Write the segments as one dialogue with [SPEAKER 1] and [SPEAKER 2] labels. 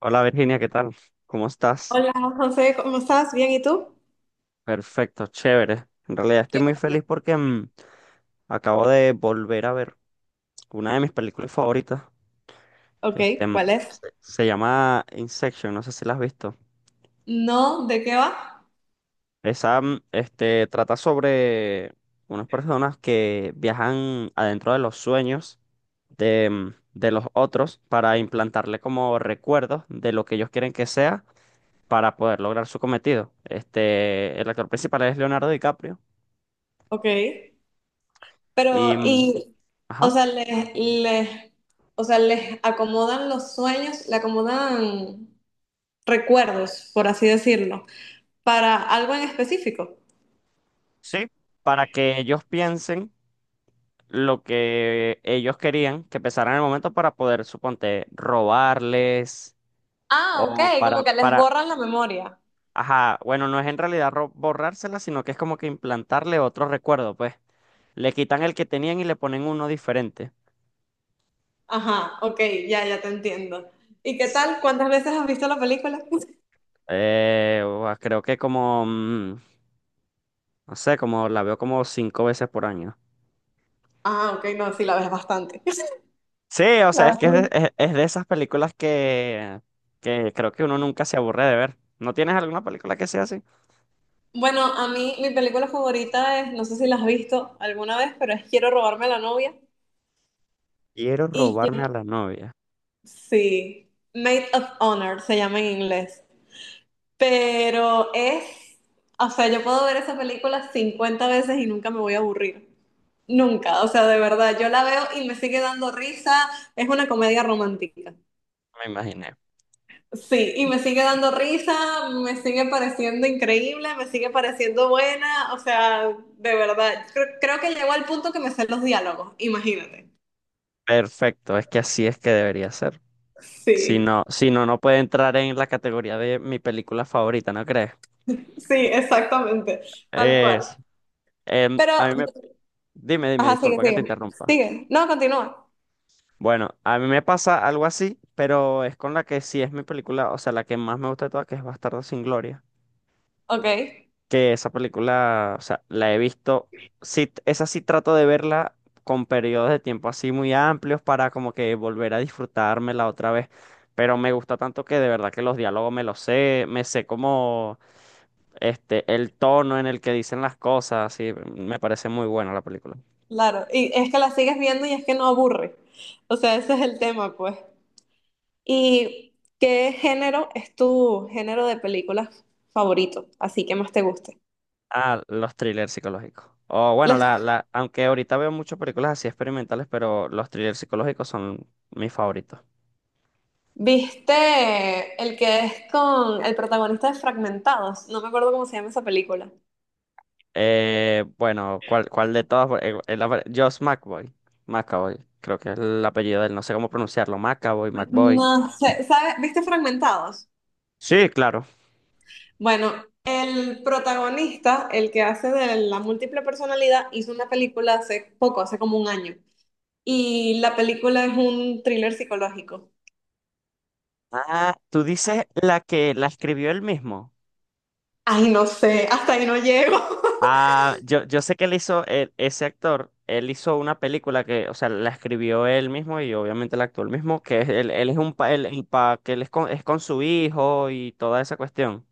[SPEAKER 1] Hola Virginia, ¿qué tal? ¿Cómo estás?
[SPEAKER 2] Hola José, ¿cómo estás? ¿Bien y tú?
[SPEAKER 1] Perfecto, chévere. En realidad estoy
[SPEAKER 2] Qué
[SPEAKER 1] muy
[SPEAKER 2] bueno.
[SPEAKER 1] feliz porque acabo de volver a ver una de mis películas favoritas.
[SPEAKER 2] Ok,
[SPEAKER 1] Este, mm,
[SPEAKER 2] ¿cuál es?
[SPEAKER 1] se llama Inception, no sé si la has visto.
[SPEAKER 2] No, ¿de qué va?
[SPEAKER 1] Esa, trata sobre unas personas que viajan adentro de los sueños de los otros para implantarle como recuerdos de lo que ellos quieren que sea para poder lograr su cometido. El actor principal es Leonardo DiCaprio.
[SPEAKER 2] Ok.
[SPEAKER 1] Y
[SPEAKER 2] Pero,
[SPEAKER 1] mm,
[SPEAKER 2] y, o
[SPEAKER 1] Ajá.
[SPEAKER 2] sea, les o sea, les acomodan los sueños, le acomodan recuerdos, por así decirlo, para algo en específico.
[SPEAKER 1] ¿Sí? Para que ellos piensen lo que ellos querían que pensaran en el momento para poder, suponte, robarles
[SPEAKER 2] Ah,
[SPEAKER 1] o
[SPEAKER 2] ok, como
[SPEAKER 1] para,
[SPEAKER 2] que les
[SPEAKER 1] para,
[SPEAKER 2] borran la memoria.
[SPEAKER 1] ajá, bueno, no es en realidad borrársela, sino que es como que implantarle otro recuerdo, pues. Le quitan el que tenían y le ponen uno diferente.
[SPEAKER 2] Ajá, ok, ya, ya te entiendo. ¿Y qué tal? ¿Cuántas veces has visto la película?
[SPEAKER 1] Creo que como, no sé, como la veo como cinco veces por año.
[SPEAKER 2] Ah, ok, no, sí, la ves bastante.
[SPEAKER 1] Sí, o sea,
[SPEAKER 2] La
[SPEAKER 1] es que
[SPEAKER 2] ves.
[SPEAKER 1] es de esas películas que creo que uno nunca se aburre de ver. ¿No tienes alguna película que sea así?
[SPEAKER 2] Bueno, a mí mi película favorita es, no sé si la has visto alguna vez, pero es Quiero robarme a la novia.
[SPEAKER 1] Quiero
[SPEAKER 2] Y yo,
[SPEAKER 1] robarme a la novia.
[SPEAKER 2] sí, Maid of Honor se llama en inglés. Pero es, o sea, yo puedo ver esa película 50 veces y nunca me voy a aburrir. Nunca, o sea, de verdad, yo la veo y me sigue dando risa. Es una comedia romántica.
[SPEAKER 1] Me imaginé.
[SPEAKER 2] Sí, y me sigue dando risa, me sigue pareciendo increíble, me sigue pareciendo buena, o sea, de verdad, creo que llegó al punto que me sé los diálogos, imagínate.
[SPEAKER 1] Perfecto, es que así es que debería ser. Si no,
[SPEAKER 2] Sí,
[SPEAKER 1] si no, no puede entrar en la categoría de mi película favorita, ¿no crees?
[SPEAKER 2] sí, exactamente, tal
[SPEAKER 1] Es,
[SPEAKER 2] cual.
[SPEAKER 1] em,
[SPEAKER 2] Pero,
[SPEAKER 1] a mí me, Dime, dime,
[SPEAKER 2] ajá, sigue,
[SPEAKER 1] disculpa que te
[SPEAKER 2] sigue,
[SPEAKER 1] interrumpa.
[SPEAKER 2] sigue, no, continúa.
[SPEAKER 1] Bueno, a mí me pasa algo así, pero es con la que sí es mi película, o sea, la que más me gusta de todas, que es Bastardo sin Gloria.
[SPEAKER 2] Ok,
[SPEAKER 1] Que esa película, o sea, la he visto, sí, esa sí trato de verla con periodos de tiempo así muy amplios para como que volver a disfrutármela otra vez, pero me gusta tanto que de verdad que los diálogos me los sé, me sé como este, el tono en el que dicen las cosas, sí, me parece muy buena la película.
[SPEAKER 2] claro, y es que la sigues viendo y es que no aburre, o sea, ese es el tema, pues. ¿Y qué género es tu género de películas favorito, así que más te guste?
[SPEAKER 1] Ah, los thrillers psicológicos. O bueno, aunque ahorita veo muchas películas así experimentales, pero los thrillers psicológicos son mis favoritos.
[SPEAKER 2] ¿Viste el que es con el protagonista de Fragmentados? No me acuerdo cómo se llama esa película.
[SPEAKER 1] Bueno, ¿cuál de todas? Josh McBoy. McAvoy, creo que es el apellido de él, no sé cómo pronunciarlo. McAvoy, McBoy.
[SPEAKER 2] No sé, ¿sabes? ¿Viste Fragmentados?
[SPEAKER 1] Sí, claro.
[SPEAKER 2] Bueno, el protagonista, el que hace de la múltiple personalidad, hizo una película hace poco, hace como un año. Y la película es un thriller psicológico.
[SPEAKER 1] Ah, tú dices la que la escribió él mismo.
[SPEAKER 2] Ay, no sé, hasta ahí no llego.
[SPEAKER 1] Ah, yo sé que él hizo, ese actor, él hizo una película que, o sea, la escribió él mismo y obviamente la actuó él mismo, que él es un pa, él- el pa- que él es con su hijo y toda esa cuestión,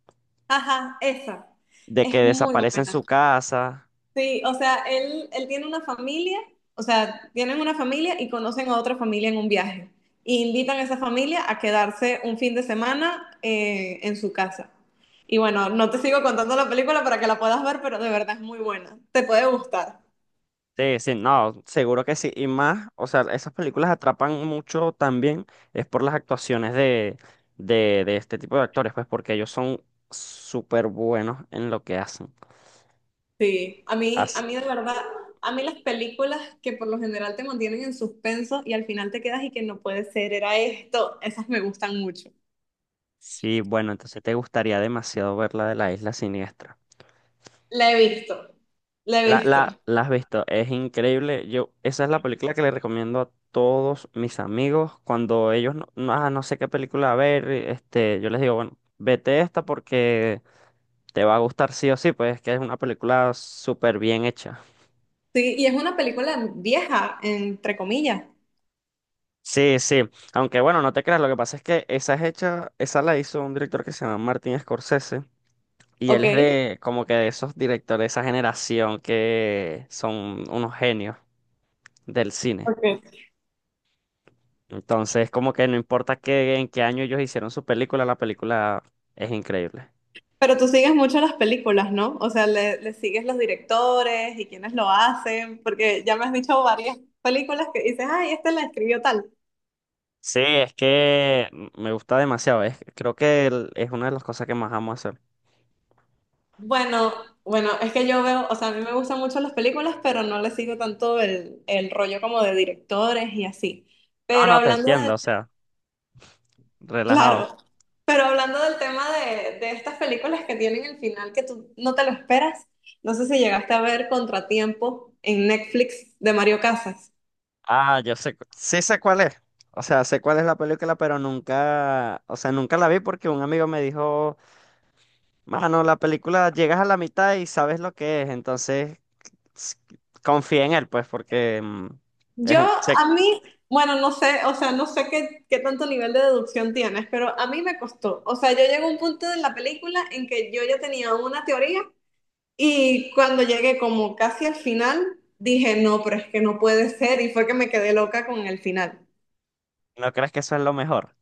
[SPEAKER 2] Ajá, esa.
[SPEAKER 1] de que
[SPEAKER 2] Es muy
[SPEAKER 1] desaparece en
[SPEAKER 2] buena.
[SPEAKER 1] su casa.
[SPEAKER 2] Sí, o sea, él tiene una familia, o sea, tienen una familia y conocen a otra familia en un viaje. Y invitan a esa familia a quedarse un fin de semana en su casa. Y bueno, no te sigo contando la película para que la puedas ver, pero de verdad es muy buena. Te puede gustar.
[SPEAKER 1] Sí, sí, no, seguro que sí. Y más, o sea, esas películas atrapan mucho también es por las actuaciones de este tipo de actores, pues porque ellos son súper buenos en lo que hacen.
[SPEAKER 2] Sí, a mí, a
[SPEAKER 1] As-
[SPEAKER 2] mí de verdad, a mí las películas que por lo general te mantienen en suspenso y al final te quedas y que no puede ser, era esto, esas me gustan mucho.
[SPEAKER 1] sí, bueno, entonces te gustaría demasiado ver la de la Isla Siniestra.
[SPEAKER 2] La he visto, la he
[SPEAKER 1] La,
[SPEAKER 2] visto.
[SPEAKER 1] la, la has visto, es increíble. Yo, esa es la película que le recomiendo a todos mis amigos. Cuando ellos no, no, ah, no sé qué película ver, este, yo les digo, bueno, vete esta porque te va a gustar sí o sí, pues es que es una película súper bien hecha.
[SPEAKER 2] Sí, y es una película vieja, entre comillas.
[SPEAKER 1] Sí, sí. Aunque bueno, no te creas, lo que pasa es que esa es hecha, esa la hizo un director que se llama Martin Scorsese. Y él es
[SPEAKER 2] Ok.
[SPEAKER 1] de como que de esos directores, de esa generación que son unos genios del cine.
[SPEAKER 2] Ok.
[SPEAKER 1] Entonces, como que no importa qué, en qué año ellos hicieron su película, la película es increíble.
[SPEAKER 2] Pero tú sigues mucho las películas, ¿no? O sea, le sigues los directores y quienes lo hacen, porque ya me has dicho varias películas que dices, ay, este la escribió tal.
[SPEAKER 1] Sí, es que me gusta demasiado. Es, creo que es una de las cosas que más amo hacer.
[SPEAKER 2] Bueno, bueno, es que yo veo, o sea, a mí me gustan mucho las películas, pero no le sigo tanto el rollo como de directores y así.
[SPEAKER 1] No,
[SPEAKER 2] Pero
[SPEAKER 1] no, te
[SPEAKER 2] hablando.
[SPEAKER 1] entiendo, o sea, relajado.
[SPEAKER 2] Claro, pero hablando del tema de estas películas que tienen el final que tú no te lo esperas, no sé si llegaste a ver Contratiempo en Netflix de Mario Casas.
[SPEAKER 1] Ah, yo sé, sí sé cuál es. O sea, sé cuál es la película, pero nunca, o sea, nunca la vi porque un amigo me dijo, mano, la película llegas a la mitad y sabes lo que es, entonces s- confía en él, pues, porque es
[SPEAKER 2] Yo,
[SPEAKER 1] un- sé-
[SPEAKER 2] a mí, bueno, no sé, o sea, no sé qué tanto nivel de deducción tienes, pero a mí me costó. O sea, yo llegué a un punto de la película en que yo ya tenía una teoría y cuando llegué como casi al final, dije, no, pero es que no puede ser y fue que me quedé loca con el final.
[SPEAKER 1] ¿no crees que eso es lo mejor?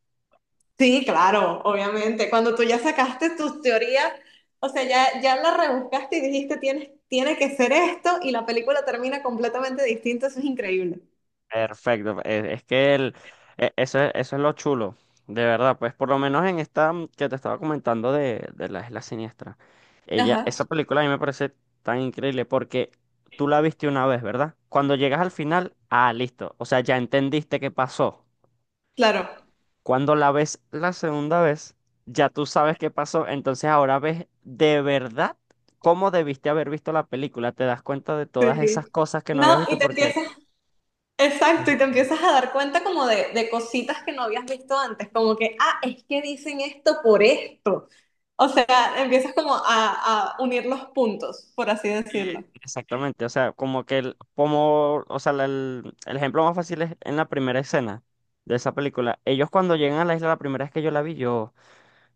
[SPEAKER 2] Sí, claro, obviamente. Cuando tú ya sacaste tus teorías, o sea, ya, ya las rebuscaste y dijiste, tienes, tiene que ser esto, y la película termina completamente distinta, eso es increíble.
[SPEAKER 1] Perfecto, es que eso, eso es lo chulo, de verdad, pues por lo menos en esta que te estaba comentando de la Isla Siniestra,
[SPEAKER 2] Ajá,
[SPEAKER 1] esa película a mí me parece tan increíble porque tú la viste una vez, ¿verdad? Cuando llegas al final, ah, listo, o sea, ya entendiste qué pasó.
[SPEAKER 2] claro.
[SPEAKER 1] Cuando la ves la segunda vez, ya tú sabes qué pasó, entonces ahora ves de verdad cómo debiste haber visto la película, te das cuenta de todas
[SPEAKER 2] Sí.
[SPEAKER 1] esas cosas que no habías
[SPEAKER 2] No, y
[SPEAKER 1] visto
[SPEAKER 2] te
[SPEAKER 1] porque...
[SPEAKER 2] empiezas, exacto, y te empiezas a dar cuenta como de cositas que no habías visto antes, como que, ah, es que dicen esto por esto. O sea, empiezas como a unir los puntos, por así
[SPEAKER 1] Eh,
[SPEAKER 2] decirlo.
[SPEAKER 1] Exactamente, o sea, como que o sea, el ejemplo más fácil es en la primera escena de esa película. Ellos cuando llegan a la isla, la primera vez que yo la vi, yo,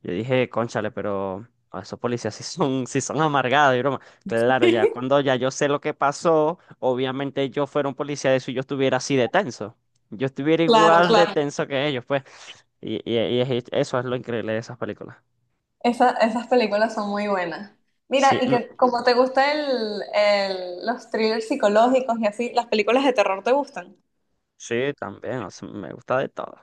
[SPEAKER 1] yo dije, cónchale, pero esos policías sí son amargados y broma. Claro, ya cuando ya yo sé lo que pasó, obviamente yo fuera un policía de eso y yo estuviera así de tenso. Yo estuviera
[SPEAKER 2] Claro,
[SPEAKER 1] igual de
[SPEAKER 2] claro.
[SPEAKER 1] tenso que ellos, pues. Eso es lo increíble de esas películas.
[SPEAKER 2] Esa- esas películas son muy buenas. Mira,
[SPEAKER 1] Sí,
[SPEAKER 2] y
[SPEAKER 1] no,
[SPEAKER 2] que como te gustan los thrillers psicológicos y así, las películas de terror te gustan.
[SPEAKER 1] sí, también, o sea, me gusta de todo.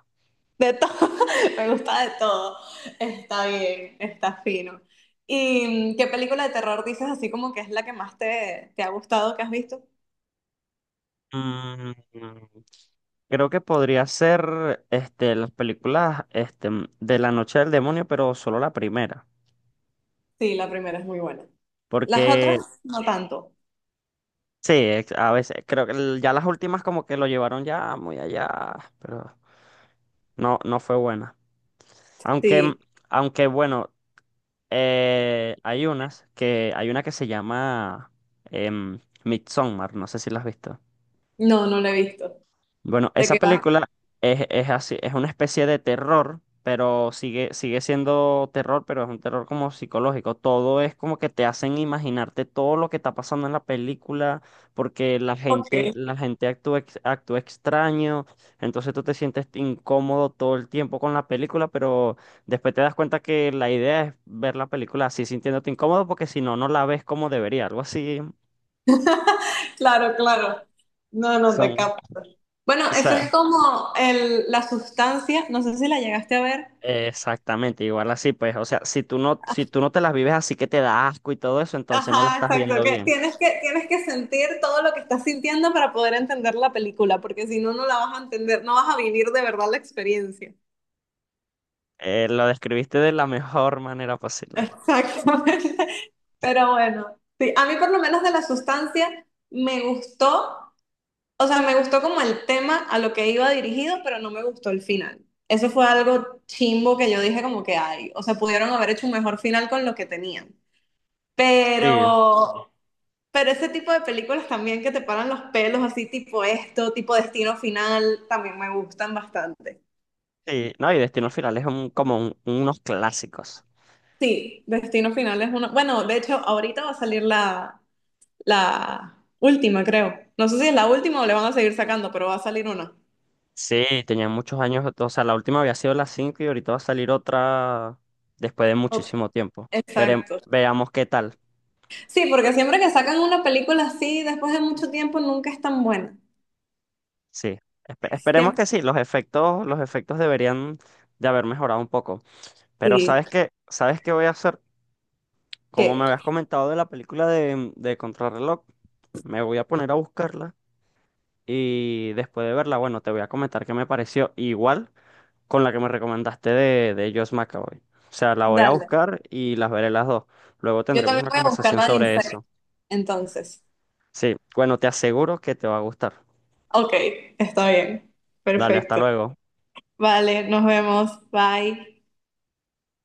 [SPEAKER 2] De todo, me gusta de todo. Está bien, está fino. ¿Y qué película de terror dices así como que es la que más te ha gustado que has visto?
[SPEAKER 1] Mm, Creo que podría ser las películas de La Noche del Demonio, pero solo la primera.
[SPEAKER 2] Sí, la primera es muy buena. Las
[SPEAKER 1] Porque
[SPEAKER 2] otras no tanto.
[SPEAKER 1] sí, a veces creo que ya las últimas como que lo llevaron ya muy allá, pero no, no fue buena. Aunque, mm,
[SPEAKER 2] Sí,
[SPEAKER 1] aunque bueno, hay hay una que se llama Midsommar, no sé si la has visto.
[SPEAKER 2] no, no la he visto.
[SPEAKER 1] Bueno,
[SPEAKER 2] ¿De
[SPEAKER 1] esa
[SPEAKER 2] qué va?
[SPEAKER 1] película es así, es una especie de terror, pero sigue siendo terror, pero es un terror como psicológico. Todo es como que te hacen imaginarte todo lo que está pasando en la película, porque la gente,
[SPEAKER 2] Ok.
[SPEAKER 1] la gente actúa, actúa extraño, entonces tú te sientes incómodo todo el tiempo con la película, pero después te das cuenta que la idea es ver la película así sintiéndote incómodo, porque si no, no la ves como debería, algo así.
[SPEAKER 2] Claro, claro. No, no te
[SPEAKER 1] Son,
[SPEAKER 2] capto. Bueno,
[SPEAKER 1] o
[SPEAKER 2] eso
[SPEAKER 1] sea,
[SPEAKER 2] es como el, la sustancia, no sé si la llegaste a ver.
[SPEAKER 1] exactamente, igual así, pues, o sea, si tú no te las vives así que te da asco y todo eso, entonces no la
[SPEAKER 2] Ajá,
[SPEAKER 1] estás
[SPEAKER 2] exacto.
[SPEAKER 1] viendo
[SPEAKER 2] Que
[SPEAKER 1] bien.
[SPEAKER 2] tienes que, tienes que sentir todo lo que estás sintiendo para poder entender la película, porque si no, no la vas a entender, no vas a vivir de verdad la experiencia.
[SPEAKER 1] Lo describiste de la mejor manera posible.
[SPEAKER 2] Exactamente. Pero bueno, sí, a mí por lo menos de la sustancia me gustó, o sea, me gustó como el tema a lo que iba dirigido, pero no me gustó el final. Eso fue algo chimbo que yo dije como que hay, o sea, pudieron haber hecho un mejor final con lo que tenían.
[SPEAKER 1] Sí,
[SPEAKER 2] Pero, pero ese tipo de películas también que te paran los pelos, así tipo esto, tipo Destino Final, también me gustan bastante.
[SPEAKER 1] sí, no, y Destino Final es unos clásicos.
[SPEAKER 2] Sí, Destino Final es una... Bueno, de hecho, ahorita va a salir la, la última, creo. No sé si es la última o le van a seguir sacando, pero va a salir una.
[SPEAKER 1] Sí, tenían muchos años, o sea, la última había sido la 5 y ahorita va a salir otra después de
[SPEAKER 2] Ot-
[SPEAKER 1] muchísimo tiempo. Veremos,
[SPEAKER 2] Exacto.
[SPEAKER 1] veamos qué tal.
[SPEAKER 2] Sí, porque siempre que sacan una película así, después de mucho tiempo, nunca es tan buena.
[SPEAKER 1] Sí, esperemos que
[SPEAKER 2] Siempre.
[SPEAKER 1] sí, los efectos deberían de haber mejorado un poco. Pero
[SPEAKER 2] Sí.
[SPEAKER 1] ¿sabes qué? ¿Sabes qué voy a hacer? Como me
[SPEAKER 2] ¿Qué?
[SPEAKER 1] habías comentado de la película de Contrarreloj, me voy a poner a buscarla y después de verla, bueno, te voy a comentar qué me pareció igual con la que me recomendaste de Josh McAvoy. O sea, la voy a
[SPEAKER 2] Dale.
[SPEAKER 1] buscar y las veré las dos. Luego
[SPEAKER 2] Yo
[SPEAKER 1] tendremos
[SPEAKER 2] también
[SPEAKER 1] una
[SPEAKER 2] voy a buscar
[SPEAKER 1] conversación
[SPEAKER 2] la de
[SPEAKER 1] sobre
[SPEAKER 2] Insect.
[SPEAKER 1] eso.
[SPEAKER 2] Entonces.
[SPEAKER 1] Sí, bueno, te aseguro que te va a gustar.
[SPEAKER 2] Ok, está bien.
[SPEAKER 1] Dale, hasta
[SPEAKER 2] Perfecto.
[SPEAKER 1] luego.
[SPEAKER 2] Vale, nos vemos. Bye.